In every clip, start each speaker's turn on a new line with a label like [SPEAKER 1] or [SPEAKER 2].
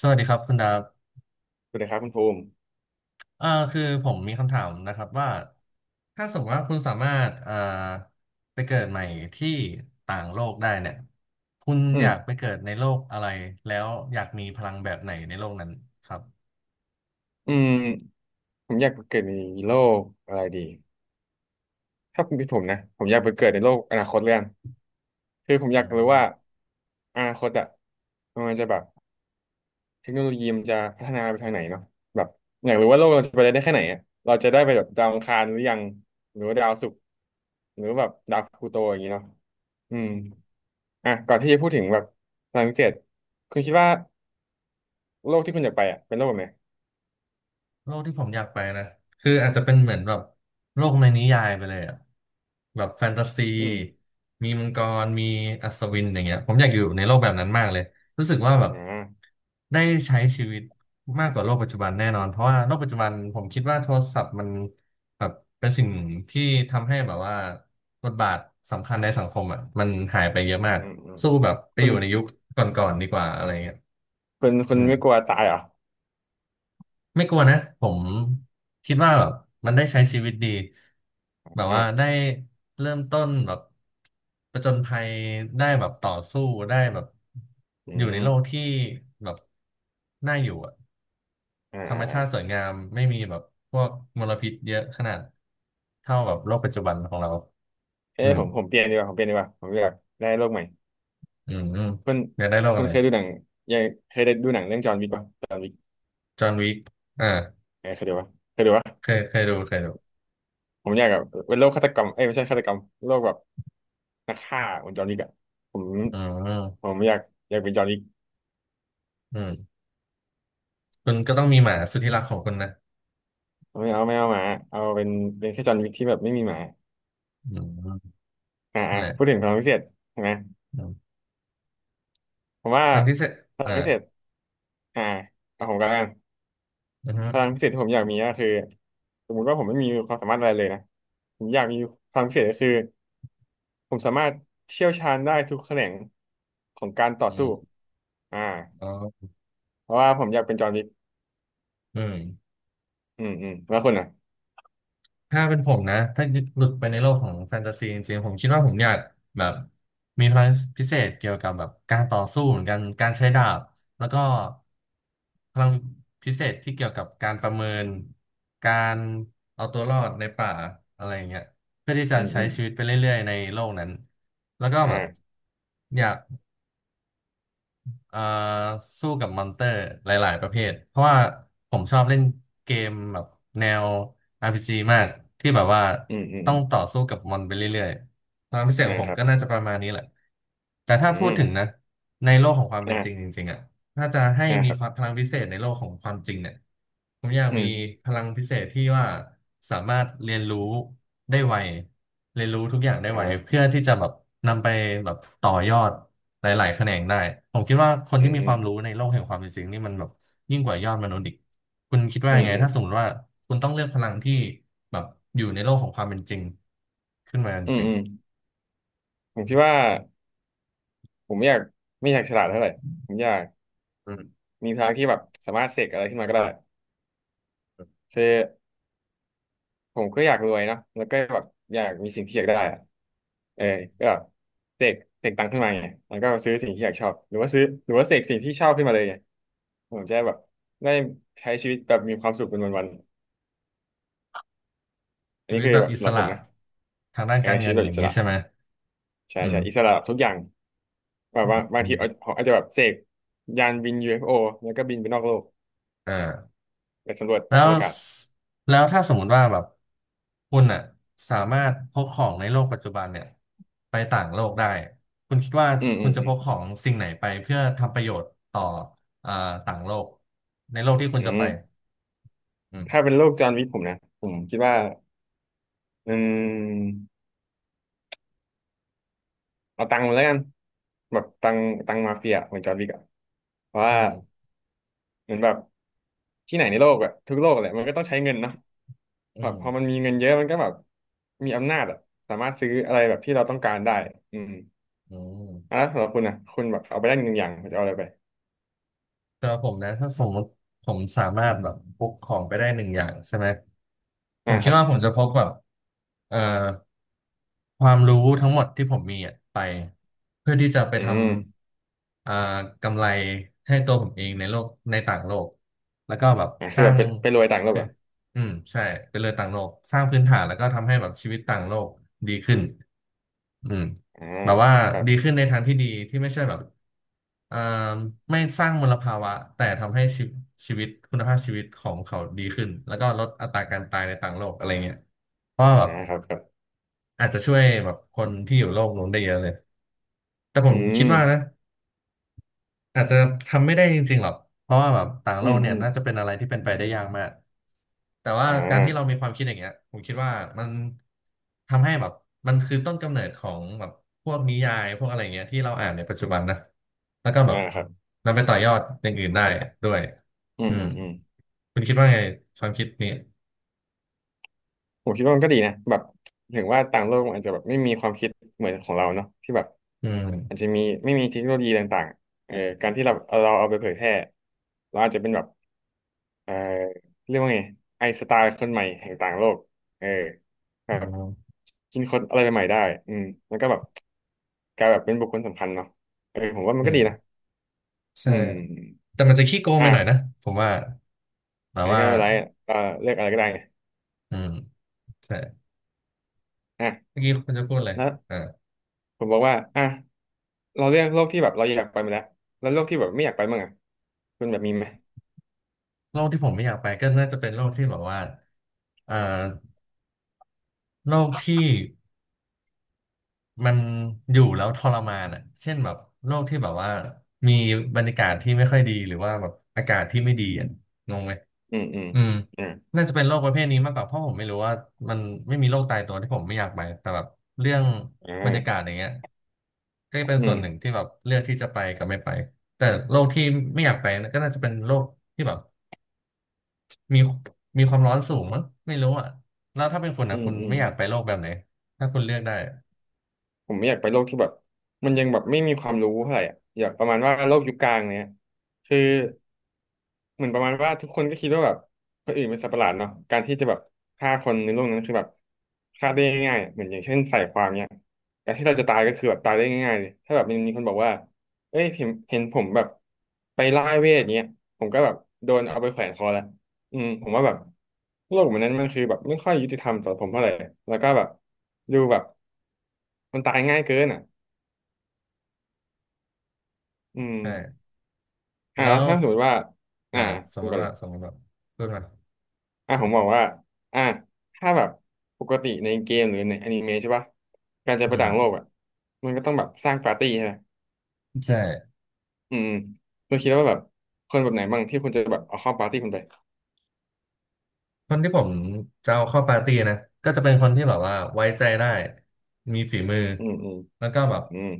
[SPEAKER 1] สวัสดีครับคุณดาบ
[SPEAKER 2] สวัสดีครับคุณภูมิ
[SPEAKER 1] เอ่อคือผมมีคำถามนะครับว่า ถ้าสมมติว่าคุณสามารถไปเกิดใหม่ที่ต่างโลกได้เนี่ยคุณ
[SPEAKER 2] อื
[SPEAKER 1] อ
[SPEAKER 2] ม
[SPEAKER 1] ยากไปเกิดในโลกอะไรแล้วอยากมีพลังแบบไหนในโลกนั้นครับ
[SPEAKER 2] อืมผมอยากไปเกิดในโลกอะไรดีถ้าผมเป็นพี่ผมนะผมอยากไปเกิดในโลกอนาคตเรื่องคือผมอยากรู้ว่าอนาคตอะมันจะแบบเทคโนโลยีมันจะพัฒนาไปทางไหนเนาะแบบอยากรู้ว่าโลกเราจะไปได้แค่ไหนอะเราจะได้ไปแบบดาวอังคารหรือยังหรือว่าดาวศุกร์หรือว่าแบบดาวพลูโตอย่างนี้เนาะอืมอ่ะก่อนที่จะพูดถึงแบบพลังพิเศษคุณคิดว่าโลกที่คุณอยากไปอะเป็นโลกแบบไหน
[SPEAKER 1] โลกที่ผมอยากไปนะคืออาจจะเป็นเหมือนแบบโลกในนิยายไปเลยอะแบบแฟนตาซี
[SPEAKER 2] อืม
[SPEAKER 1] มีมังกรมีอัศวินอย่างเงี้ยผมอยากอยู่ในโลกแบบนั้นมากเลยรู้สึกว่าแบบ
[SPEAKER 2] อ่า
[SPEAKER 1] ได้ใช้ชีวิตมากกว่าโลกปัจจุบันแน่นอนเพราะว่าโลกปัจจุบันผมคิดว่าโทรศัพท์มันแบบเป็นสิ่งที่ทำให้แบบว่าบทบาทสำคัญในสังคมอ่ะมันหายไปเยอะมาก
[SPEAKER 2] อืมอืม
[SPEAKER 1] สู้แบบไป
[SPEAKER 2] คุ
[SPEAKER 1] อ
[SPEAKER 2] ณ
[SPEAKER 1] ยู่ในยุคก่อนๆดีกว่าอะไรเงี้ย
[SPEAKER 2] คุณคุ
[SPEAKER 1] อื
[SPEAKER 2] ณ
[SPEAKER 1] ม
[SPEAKER 2] ไม่กลัวตายเหรอ
[SPEAKER 1] ไม่กลัวนะผมคิดว่าแบบมันได้ใช้ชีวิตดีแบบ
[SPEAKER 2] อื
[SPEAKER 1] ว่าได้
[SPEAKER 2] ม
[SPEAKER 1] เริ่มต้นแบบประจญภัยได้แบบต่อสู้ได้แบบ
[SPEAKER 2] อื
[SPEAKER 1] อยู่ใน
[SPEAKER 2] ม
[SPEAKER 1] โลกที่แบบน่าอยู่อะ
[SPEAKER 2] อ่า
[SPEAKER 1] ธรรม
[SPEAKER 2] อ่า
[SPEAKER 1] ชาติสวยงามไม่มีแบบพวกมลพิษเยอะขนาดเท่าแบบโล
[SPEAKER 2] อ่า
[SPEAKER 1] กปัจจุบันของเรา
[SPEAKER 2] เอ้
[SPEAKER 1] อื
[SPEAKER 2] ย
[SPEAKER 1] ม
[SPEAKER 2] ผมเปลี่ยนดีกว่าผมเปลี่ยนดีกว่าผมอยากได้โลกใหม่
[SPEAKER 1] อืมอืม
[SPEAKER 2] คุณ
[SPEAKER 1] อยากได้โลก
[SPEAKER 2] คุ
[SPEAKER 1] อะ
[SPEAKER 2] ณ
[SPEAKER 1] ไร
[SPEAKER 2] เคยดูหนังยังเคยได้ดูหนังเรื่องจอห์นวิกป่ะจอห์นวิก
[SPEAKER 1] จอห์นวิกอ่า
[SPEAKER 2] เออเคยดูป่ะเคยดู
[SPEAKER 1] เค
[SPEAKER 2] ป่ะ
[SPEAKER 1] ยเคยดูเคยดู
[SPEAKER 2] ผมอยากแบบเป็นโลกฆาตกรรมเอ้ยไม่ใช่ฆาตกรรมโลกแบบนักฆ่าเหมือนจอห์นวิกอะผม
[SPEAKER 1] อื
[SPEAKER 2] ผ
[SPEAKER 1] ม
[SPEAKER 2] มอยากอยากเป็นจอห์นวิก
[SPEAKER 1] อืมคุณก็ต้องมีหมาสุดที่รักของคุณนะ
[SPEAKER 2] ไม่เอาไม่เอาหมาเอาเป็นเป็นแค่จอห์นวิกที่แบบไม่มีหมา
[SPEAKER 1] อืมน
[SPEAKER 2] อ่าอ่า
[SPEAKER 1] ั่นแหละ
[SPEAKER 2] พูดถึงพลังพิเศษใช่ไหม
[SPEAKER 1] อืม
[SPEAKER 2] ผมว่า
[SPEAKER 1] ความพิเศษ
[SPEAKER 2] พลัง
[SPEAKER 1] อ่า
[SPEAKER 2] พิเศษอ่าเอาผมก็แล้วกัน
[SPEAKER 1] อือฮึ
[SPEAKER 2] พลังพิเศษที่ผมอยากมีก็คือสมมุติว่าผมไม่มีความสามารถอะไรเลยนะผมอยากมีพลังพิเศษก็คือผมสามารถเชี่ยวชาญได้ทุกแขนงของการต่อ
[SPEAKER 1] อื
[SPEAKER 2] สู้
[SPEAKER 1] ม
[SPEAKER 2] อ่า
[SPEAKER 1] อ๋อ
[SPEAKER 2] เพราะว่าผมอยากเป็นจอห์นวิก
[SPEAKER 1] อืม
[SPEAKER 2] อืมอืมแล้วคุณอ่ะ
[SPEAKER 1] ถ้าเป็นผมนะถ้าหลุดไปในโลกของแฟนตาซีจริงๆผมคิดว่าผมอยากแบบมีพลังพิเศษเกี่ยวกับแบบการต่อสู้เหมือนกันการใช้ดาบแล้วก็พลังพิเศษที่เกี่ยวกับการประเมินการเอาตัวรอดในป่าอะไรอย่างเงี้ยเพื่อที่
[SPEAKER 2] อื
[SPEAKER 1] จะ
[SPEAKER 2] มอื
[SPEAKER 1] ใช้
[SPEAKER 2] ม
[SPEAKER 1] ชีวิตไปเรื่อยๆในโลกนั้นแล้วก็แบบ
[SPEAKER 2] อ่า
[SPEAKER 1] อยาก เอ่อสู้กับมอนเตอร์หลายๆประเภทเพราะว่าผมชอบเล่นเกมแบบแนว RPG มากที่แบบว่า
[SPEAKER 2] อืมอืม
[SPEAKER 1] ต้
[SPEAKER 2] อื
[SPEAKER 1] องต่
[SPEAKER 2] ม
[SPEAKER 1] อสู้กับมอนไปเรื่อยๆความพิเศษ
[SPEAKER 2] อ่า
[SPEAKER 1] ของผ
[SPEAKER 2] ค
[SPEAKER 1] ม
[SPEAKER 2] รับ
[SPEAKER 1] ก็น่าจะประมาณนี้แหละแต่
[SPEAKER 2] อื
[SPEAKER 1] ถ้าพูด
[SPEAKER 2] ม
[SPEAKER 1] ถึงนะในโลกของความเป็นจริงจ
[SPEAKER 2] อ่า
[SPEAKER 1] ริงๆอ่ะ ถ้าจะให้
[SPEAKER 2] อ่าค
[SPEAKER 1] มี
[SPEAKER 2] รับ
[SPEAKER 1] ความพลังพิเศษในโลกของความจริงเนี่ยผมอยาก
[SPEAKER 2] อื
[SPEAKER 1] มี
[SPEAKER 2] ม
[SPEAKER 1] พลังพิเศษที่ว่าสามารถเรียนรู้ได้ไวเรียนรู้ทุกอย่างได้
[SPEAKER 2] อ่
[SPEAKER 1] ไว
[SPEAKER 2] า
[SPEAKER 1] เพื่อที่จะแบบนำไปแบบต่อยอดหลายๆแขนงได้ผมคิดว่าคน
[SPEAKER 2] อื
[SPEAKER 1] ที่
[SPEAKER 2] ม
[SPEAKER 1] มี
[SPEAKER 2] อื
[SPEAKER 1] ค
[SPEAKER 2] ม
[SPEAKER 1] วามรู้ในโลกแห่งความเป็นจริงนี่มันแบบยิ่งกว่ายอดมนุษย์อีกคุณคิด
[SPEAKER 2] อื
[SPEAKER 1] ว่า
[SPEAKER 2] ม
[SPEAKER 1] ยังไง
[SPEAKER 2] อืม
[SPEAKER 1] ถ้าสมมติว่าคุณต้องเลือกพลังที่แบบอยู่ในโลกของความเป็นจริงขึ้นมา
[SPEAKER 2] อืม
[SPEAKER 1] จริง
[SPEAKER 2] อืมผมคิดว่าผมไม่อยากไม่อยากฉลาดเท่าไหร่ผมอยาก
[SPEAKER 1] อืม
[SPEAKER 2] มีพลังที่แบบสามารถเสกอะไรขึ้นมาก็ได้คือ ผมก็อยากรวยเนาะแล้วก็แบบอยากมีสิ่งที่อยากได้อะเออก็แบบเสกเสกตังค์ขึ้นมาไงแล้วก็ซื้อสิ่งที่อยากชอบหรือว่าซื้อหรือว่าเสกสิ่งที่ชอบขึ้นมาเลยไงผมจะได้แบบได้ใช้ชีวิตแบบมีความสุขเป็นวันๆอัน
[SPEAKER 1] ชี
[SPEAKER 2] นี้
[SPEAKER 1] วิต
[SPEAKER 2] คือ
[SPEAKER 1] แบบ
[SPEAKER 2] แบบ
[SPEAKER 1] อิ
[SPEAKER 2] สำห
[SPEAKER 1] ส
[SPEAKER 2] รับผ
[SPEAKER 1] ระ
[SPEAKER 2] มนะ
[SPEAKER 1] ทางด้าน
[SPEAKER 2] เออ
[SPEAKER 1] การ
[SPEAKER 2] ชี
[SPEAKER 1] เงิ
[SPEAKER 2] วิต
[SPEAKER 1] น
[SPEAKER 2] แบบ
[SPEAKER 1] อ
[SPEAKER 2] อิ
[SPEAKER 1] ย่าง
[SPEAKER 2] ส
[SPEAKER 1] นี้
[SPEAKER 2] ระ
[SPEAKER 1] ใช่ไหม
[SPEAKER 2] ใช่
[SPEAKER 1] อื
[SPEAKER 2] ใช่
[SPEAKER 1] ม
[SPEAKER 2] อิสระแบบทุกอย่างแบบว่าบาง
[SPEAKER 1] อื
[SPEAKER 2] ทีเอา
[SPEAKER 1] ม
[SPEAKER 2] ผมอาจจะแบบเสกยานบิน UFO แล้วก็บินไปนอกโลก
[SPEAKER 1] อ่า
[SPEAKER 2] ไปสำรวจ
[SPEAKER 1] แล้
[SPEAKER 2] อว
[SPEAKER 1] ว
[SPEAKER 2] กาศ
[SPEAKER 1] แล้วถ้าสมมติว่าแบบคุณอ่ะสามารถพกของในโลกปัจจุบันเนี่ยไปต่างโลกได้คุณคิดว่า
[SPEAKER 2] อืมอื
[SPEAKER 1] คุ
[SPEAKER 2] ม
[SPEAKER 1] ณจะ
[SPEAKER 2] อื
[SPEAKER 1] พกข
[SPEAKER 2] ม
[SPEAKER 1] องสิ่งไหนไปเพื่อทำประโยชน์ต่ออ่าต่างโลกในโลกที่คุ
[SPEAKER 2] อื
[SPEAKER 1] ณจะไป
[SPEAKER 2] ม
[SPEAKER 1] อืม
[SPEAKER 2] ถ้าเป็นโลกจอห์นวิกผมนะผมคิดว่าอืม เอาตังค์มาแล้วกันแบบตังค์ตังค์มาเฟียเหมือนจอร์นวิกอะเพราะ
[SPEAKER 1] อื
[SPEAKER 2] ว่า
[SPEAKER 1] ม
[SPEAKER 2] เหมือนแบบที่ไหนในโลกอะทุกโลกแหละมันก็ต้องใช้เงินเนาะ
[SPEAKER 1] อื
[SPEAKER 2] แบบ
[SPEAKER 1] ม
[SPEAKER 2] พอมันมีเงินเยอะมันก็แบบมีอำนาจอะสามารถซื้ออะไรแบบที่เราต้องการได้อืม
[SPEAKER 1] อืม
[SPEAKER 2] อ่ะแล้วสำหรับคุณอะคุณแบบเอาไปได้หนึ่งอย่างคุณจะเอาอะไรไป
[SPEAKER 1] แต่ว่าผมนะถ้าสมมติผมสามารถแบบพกของไปได้หนึ่งอย่างใช่ไหมผ
[SPEAKER 2] อ่า
[SPEAKER 1] ม
[SPEAKER 2] ค
[SPEAKER 1] คิด
[SPEAKER 2] รับ
[SPEAKER 1] ว่าผมจะพกแบบเอ่อ ความรู้ทั้งหมดที่ผมมีอะไปเพื่อที่จะไป
[SPEAKER 2] อื
[SPEAKER 1] ท
[SPEAKER 2] ม
[SPEAKER 1] ำกำไรให้ตัวผมเองในโลกในต่างโลกแล้วก็แบบ
[SPEAKER 2] อ่า
[SPEAKER 1] ส
[SPEAKER 2] คือแบ
[SPEAKER 1] ร้า
[SPEAKER 2] บ
[SPEAKER 1] ง
[SPEAKER 2] ไปไปรวยต่างโลก
[SPEAKER 1] คือ
[SPEAKER 2] อะ
[SPEAKER 1] อืมใช่เป็นเลยต่างโลกสร้างพื้นฐานแล้วก็ทำให้แบบชีวิตต่างโลกดีขึ้นอืม
[SPEAKER 2] อ่า
[SPEAKER 1] แบบว่า
[SPEAKER 2] ครับ
[SPEAKER 1] ดีขึ้นในทางที่ดีที่ไม่ใช่แบบอ่าไม่สร้างมลภาวะแต่ทำให้ชีวิตคุณภาพชีวิตของเขาดีขึ้นแล้วก็ลดอัตราการตายในต่างโลกอะไรเงี้ยเพราะว่าแบ
[SPEAKER 2] อ่า
[SPEAKER 1] บ
[SPEAKER 2] ครับครับ
[SPEAKER 1] อาจจะช่วยแบบคนที่อยู่โลกนู้นได้เยอะเลยแต่ผ
[SPEAKER 2] อื
[SPEAKER 1] มคิ
[SPEAKER 2] ม
[SPEAKER 1] ดว่านะอาจจะทำไม่ได้จริงๆหรอกเพราะว่าแบบต่าง
[SPEAKER 2] อื
[SPEAKER 1] โล
[SPEAKER 2] ม
[SPEAKER 1] กเนี่
[SPEAKER 2] อื
[SPEAKER 1] ย
[SPEAKER 2] ม
[SPEAKER 1] น่าจะเป็นอะไรที่เป็นไปได้ยากมากแต่ว่า
[SPEAKER 2] อ่
[SPEAKER 1] การที่เรา
[SPEAKER 2] า
[SPEAKER 1] มีความคิดอย่างเงี้ยผมคิดว่ามันทำให้แบบมันคือต้นกำเนิดของแบบพวกนิยายพวกอะไรเงี้ยที่เราอ่านในปัจจุบันนะแล้วก็แบ
[SPEAKER 2] อ่า
[SPEAKER 1] บ
[SPEAKER 2] ครับ
[SPEAKER 1] นำไปต่อยอดอย่างอื่นได้ด้วย
[SPEAKER 2] อืม
[SPEAKER 1] อื
[SPEAKER 2] อื
[SPEAKER 1] ม
[SPEAKER 2] มอืม
[SPEAKER 1] คุณคิดว่าไงความคิดนี้
[SPEAKER 2] ผมคิดว่ามันก็ดีนะแบบถึงว่าต่างโลกมันอาจจะแบบไม่มีความคิดเหมือนของเราเนาะที่แบบ
[SPEAKER 1] อืม
[SPEAKER 2] อาจจะมีไม่มีเทคโนโลยีต่างๆการที่เราเอาเราเอาไปเผยแพร่เราอาจจะเป็นแบบเอ่อเรียกว่าไงไอน์สไตล์คนใหม่แห่งต่างโลกเออแบ
[SPEAKER 1] อื
[SPEAKER 2] บ
[SPEAKER 1] ม
[SPEAKER 2] กินคนอะไรใหม่ๆได้อืมแล้วก็แบบกลายแบบเป็นบุคคลสำคัญเนาะเออผมว่ามัน
[SPEAKER 1] อื
[SPEAKER 2] ก็ดีนะ
[SPEAKER 1] ม
[SPEAKER 2] อื
[SPEAKER 1] ใช่
[SPEAKER 2] ม
[SPEAKER 1] แต่มันจะขี้โกงไปหน่อยนะ
[SPEAKER 2] อ่ะ
[SPEAKER 1] ผมว่าแบ
[SPEAKER 2] อั
[SPEAKER 1] บ
[SPEAKER 2] นนก็
[SPEAKER 1] ว่า
[SPEAKER 2] ไม่เป็นไรเอ่อเลือกอะไรก็ได้ไง
[SPEAKER 1] อืมใช่
[SPEAKER 2] อ่ะ
[SPEAKER 1] เมื่อกี้คุณจะพูดเลย
[SPEAKER 2] แล้ว
[SPEAKER 1] อ่า
[SPEAKER 2] ผมบอกว่าอ่ะเราเลือกโลกที่แบบเราอยากไปมาแล้วแล้วโลกที่แบบไม่อยากไปมั่งอะ คุณแบบมีไหม
[SPEAKER 1] โลกที่ผมไม่อยากไปก็น่าจะเป็นโลกที่แบบว่าเอ่อโลกที่มันอยู่แล้วทรมานอ่ะเช่นแบบโลกที่แบบว่ามีบรรยากาศที่ไม่ค่อยดีหรือว่าแบบอากาศที่ไม่ดีอ่ะงงไหม
[SPEAKER 2] อืมอืม
[SPEAKER 1] อืม
[SPEAKER 2] อ่า
[SPEAKER 1] น่าจะเป็นโรคประเภทนี้มากกว่าเพราะผมไม่รู้ว่ามันไม่มีโรคตายตัวที่ผมไม่อยากไปแต่แบบเรื่อง
[SPEAKER 2] อ
[SPEAKER 1] บรรยากาศ
[SPEAKER 2] ่า
[SPEAKER 1] อย่างเงี้ยก็จะเป็น
[SPEAKER 2] อื
[SPEAKER 1] ส่วน
[SPEAKER 2] ม
[SPEAKER 1] หนึ่งที่แบบเลือกที่จะไปกับไม่ไปแต่โรคที่ไม่อยากไปนะก็น่าจะเป็นโรคที่แบบ มีมีความร้อนสูงมั้งไม่รู้อ่ะแล้วถ้าเป็นคุณ
[SPEAKER 2] อื
[SPEAKER 1] อ่ะ
[SPEAKER 2] ม
[SPEAKER 1] คุณ
[SPEAKER 2] อืม
[SPEAKER 1] ไม่อยากไปโลกแบบไหนถ้าคุณเลือกได้อะ
[SPEAKER 2] ผมไม่อยากไปโลกที่แบบมันยังแบบไม่มีความรู้เท่าไหร่อะอยากประมาณว่าโลกยุคกลางเนี้ย คือ เหมือนประมาณว่าทุกคนก็คิดว่าแบบคนอื่นเป็นสัตว์ประหลาดเนาะการที่จะแบบฆ่าคนในโลกนั้นคือแบบฆ่าได้ง่ายๆอะเหมือนอย่างเช่นใส่ความเนี่ยการที่เราจะตายก็คือแบบตายได้ง่ายๆเลยถ้าแบบมนมีคนบอกว่าเอ้ยเห็นเห็นผมแบบไปล่าเวทเนี้ยผมก็แบบโดนเอาไปแขวนคอแล้วอืมผมว่าแบบโลกแบบนั้นมันคือแบบไม่ค่อยยุติธรรมต่อผมเท่าไหร่แล้วก็แบบดูแบบมันตายง่ายเกินอ่ะอืม
[SPEAKER 1] ใช่
[SPEAKER 2] อ่า
[SPEAKER 1] แล้
[SPEAKER 2] แล้ว
[SPEAKER 1] ว
[SPEAKER 2] ถ้าสมมติว่าอ่า
[SPEAKER 1] อ่าสม
[SPEAKER 2] คุ
[SPEAKER 1] ม
[SPEAKER 2] กัน
[SPEAKER 1] ติ
[SPEAKER 2] เล
[SPEAKER 1] ว่า
[SPEAKER 2] ย
[SPEAKER 1] สมมติว่าพูดมา
[SPEAKER 2] อ่ะผมบอกว่าอ่ะถ้าแบบปกติในเกมหรือในอนิเมะใช่ปะการจะ
[SPEAKER 1] อื
[SPEAKER 2] ไปต่าง
[SPEAKER 1] ม
[SPEAKER 2] โลกอ่ะมันก็ต้องแบบสร้างปาร์ตี้ใช่ไหม
[SPEAKER 1] ใช่
[SPEAKER 2] อืมๆคุณคิดว่าแบบคนแบบไหนบ้างที่คุณจะแบบเอาเข้าปาร์ตี้คุณไป
[SPEAKER 1] คนที่ผมจะเอาเข้าปาร์ตี้นะก็จะเป็นคนที่แบบว่าไว้ใจได้มีฝีมือ
[SPEAKER 2] อืมอืม
[SPEAKER 1] แล้วก็แบบ
[SPEAKER 2] อืม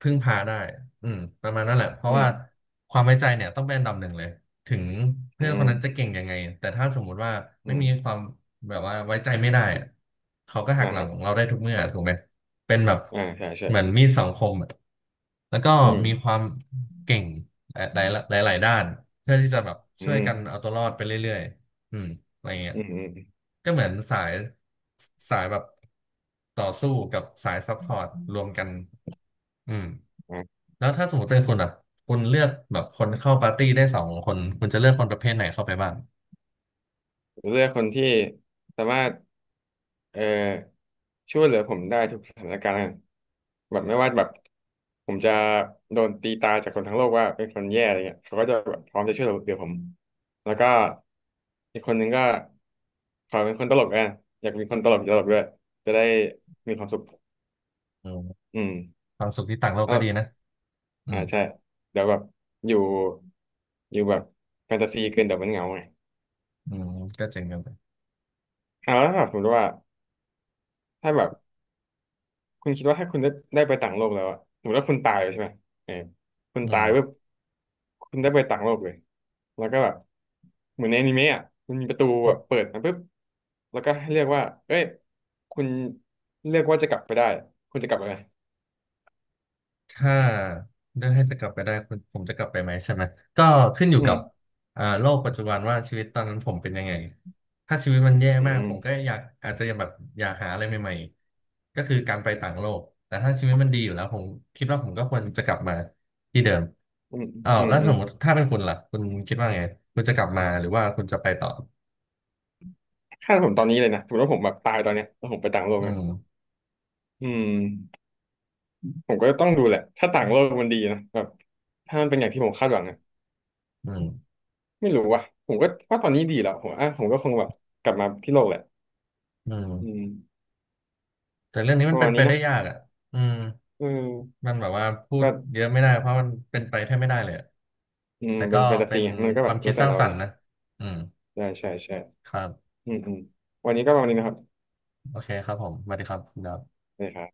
[SPEAKER 1] พึ่งพาได้อืมประมาณนั้นแหละเพราะ
[SPEAKER 2] อืม
[SPEAKER 1] ว่าความไว้ใจเนี่ยต้องเป็นอันดับหนึ่งเลยถึง
[SPEAKER 2] อื
[SPEAKER 1] เพื่อนค
[SPEAKER 2] ม
[SPEAKER 1] นนั้นจะเก่งยังไงแต่ถ้าสมมุติว่า
[SPEAKER 2] อื
[SPEAKER 1] ไม่
[SPEAKER 2] ม
[SPEAKER 1] มีความแบบว่าไว้ใจไม่ได้อะเขาก็หั
[SPEAKER 2] อ่า
[SPEAKER 1] กห
[SPEAKER 2] ค
[SPEAKER 1] ลั
[SPEAKER 2] รั
[SPEAKER 1] ง
[SPEAKER 2] บ
[SPEAKER 1] เราได้ทุกเมื่อถูกไหมเป็นแบบ
[SPEAKER 2] อ่าใช่ใช่
[SPEAKER 1] เหมือนมีดสองคมอะแล้วก็
[SPEAKER 2] อืม
[SPEAKER 1] มีความเก่งหลายหหลายๆด้านเพื่อที่จะแบบ
[SPEAKER 2] อื
[SPEAKER 1] ช่วยกันเอา
[SPEAKER 2] ม
[SPEAKER 1] ตัวรอดไปเรื่อยๆอืม อะไรเงี้ย
[SPEAKER 2] อืมอืม
[SPEAKER 1] ก็เหมือนสายแบบต่อสู้กับสายซัพพอร์ตรวมกันอืม
[SPEAKER 2] อ่า
[SPEAKER 1] แล้วถ้าสมมติเป็นคุณอ่ะคุณเลือกแบบคนเข้าปาร์ตี้ได้สองคน คุณจะเลือกคนประเภทไหนเข้าไปบ้าง
[SPEAKER 2] เลือกคนที่สามารถเอ่อช่วยเหลือผมได้ทุกสถานการณ์แบบไม่ว่าแบบผมจะโดนตีตาจากคนทั้งโลกว่าเป็นคนแย่อะไรเงี้ยเขาก็จะแบบพร้อมจะช่วยเหลือผมแล้วก็อีกคนหนึ่งก็ขอเป็นคนตลกอ่ะอยากมีคนตลกตลกด้วยจะได้มีความสุข
[SPEAKER 1] อืม
[SPEAKER 2] อืม
[SPEAKER 1] ความสุขที่ต่างโลก
[SPEAKER 2] ก็
[SPEAKER 1] ก็ดีนะอื
[SPEAKER 2] อ่า
[SPEAKER 1] ม
[SPEAKER 2] ใช่เดี๋ยวแบบอยู่อยู่แบบแฟนตาซีเกินเดี๋ยวมันเหงาไง
[SPEAKER 1] อืมก็เจ๋งกันไป
[SPEAKER 2] อ่าแล้วถ้าสมมติว่าถ้าแบบ คุณคิดว่าถ้าคุณได้ได้ไปต่างโลกแล้วอะสมมติว่าคุณตายเลยใช่ไหมเออคุณ
[SPEAKER 1] อื
[SPEAKER 2] ตาย
[SPEAKER 1] ม
[SPEAKER 2] ปุ๊บคุณได้ไปต่างโลกเลยแล้วก็แบบเหมือนในอนิเมะอะมันมีประตูแบบเปิดมาปุ๊บแล้วก็ให้เรียกว่าเอ้ยคุณเลือกว่าจะกลับไปได้คุณจะกลับไปไหม
[SPEAKER 1] ถ้าเลือกให้จะกลับไปได้คุณผมจะกลับไปไหมใช่ไหมก็ขึ้นอยู่
[SPEAKER 2] อื
[SPEAKER 1] กับ
[SPEAKER 2] ม
[SPEAKER 1] อ่าโลกปัจจุบันว่าชีวิตตอนนั้นผมเป็นยังไงถ้าชีวิตมันแย่
[SPEAKER 2] อื
[SPEAKER 1] มากผม
[SPEAKER 2] ม
[SPEAKER 1] ก็อยากอาจจะยังแบบอยากหาอะไรใหม่ๆก็คือการไปต่างโลกแต่ถ้าชีวิตมันดีอยู่แล้วผมคิดว่าผมก็ควรจะกลับมาที่เดิม
[SPEAKER 2] อืม
[SPEAKER 1] อ้าว
[SPEAKER 2] อืม
[SPEAKER 1] แล้ว
[SPEAKER 2] อื
[SPEAKER 1] ส
[SPEAKER 2] ม
[SPEAKER 1] มมติถ้าเป็นคุณล่ะคุณคิดว่าไงคุณจะกลับมาหรือว่าคุณจะไปต่อ
[SPEAKER 2] ถ้าผมตอนนี้เลยนะสมมติว่าผมแบบตายตอนเนี้ยแล้วผมไปต่างโลก
[SPEAKER 1] อื
[SPEAKER 2] นะ
[SPEAKER 1] ม
[SPEAKER 2] อืมผมก็ต้องดูแหละ ถ้าต่างโลกมันดีนะแบบถ้ามันเป็นอย่างที่ผมคาดหวังนะ
[SPEAKER 1] อืม
[SPEAKER 2] ไม่รู้ว่ะ ผมก็ว่าตอนนี้ดีแล้วผมอ่ะผมก็คงแบบกลับมาที่โลกแหละ
[SPEAKER 1] อื
[SPEAKER 2] อื
[SPEAKER 1] ม
[SPEAKER 2] ม
[SPEAKER 1] แต่เรื่องนี้
[SPEAKER 2] ป
[SPEAKER 1] มัน
[SPEAKER 2] ระ
[SPEAKER 1] เป็
[SPEAKER 2] มาณ
[SPEAKER 1] นไป
[SPEAKER 2] นี้เน
[SPEAKER 1] ได้
[SPEAKER 2] อะ
[SPEAKER 1] ยากอ่ะอืม
[SPEAKER 2] เออ
[SPEAKER 1] มันแบบว่าพูด
[SPEAKER 2] ก็
[SPEAKER 1] เยอะไม่ได้เพราะมันเป็นไปแทบไม่ได้เลยอะ
[SPEAKER 2] อืม
[SPEAKER 1] แต่
[SPEAKER 2] เป็
[SPEAKER 1] ก็
[SPEAKER 2] นแฟนตาซี
[SPEAKER 1] เป็น
[SPEAKER 2] ไงมันก็
[SPEAKER 1] ค
[SPEAKER 2] แบบ
[SPEAKER 1] วาม
[SPEAKER 2] แล้
[SPEAKER 1] คิ
[SPEAKER 2] ว
[SPEAKER 1] ด
[SPEAKER 2] แต่
[SPEAKER 1] สร้าง
[SPEAKER 2] เรา
[SPEAKER 1] สรร
[SPEAKER 2] เนาะ
[SPEAKER 1] ค์นะอืม
[SPEAKER 2] ใช่ใช่ใช่
[SPEAKER 1] ครับ
[SPEAKER 2] อืมอืมวันนี้ก็ประมาณนี้นะครับ
[SPEAKER 1] โอเคครับผมสวัสดีครับคุณดับ
[SPEAKER 2] ได้ครับ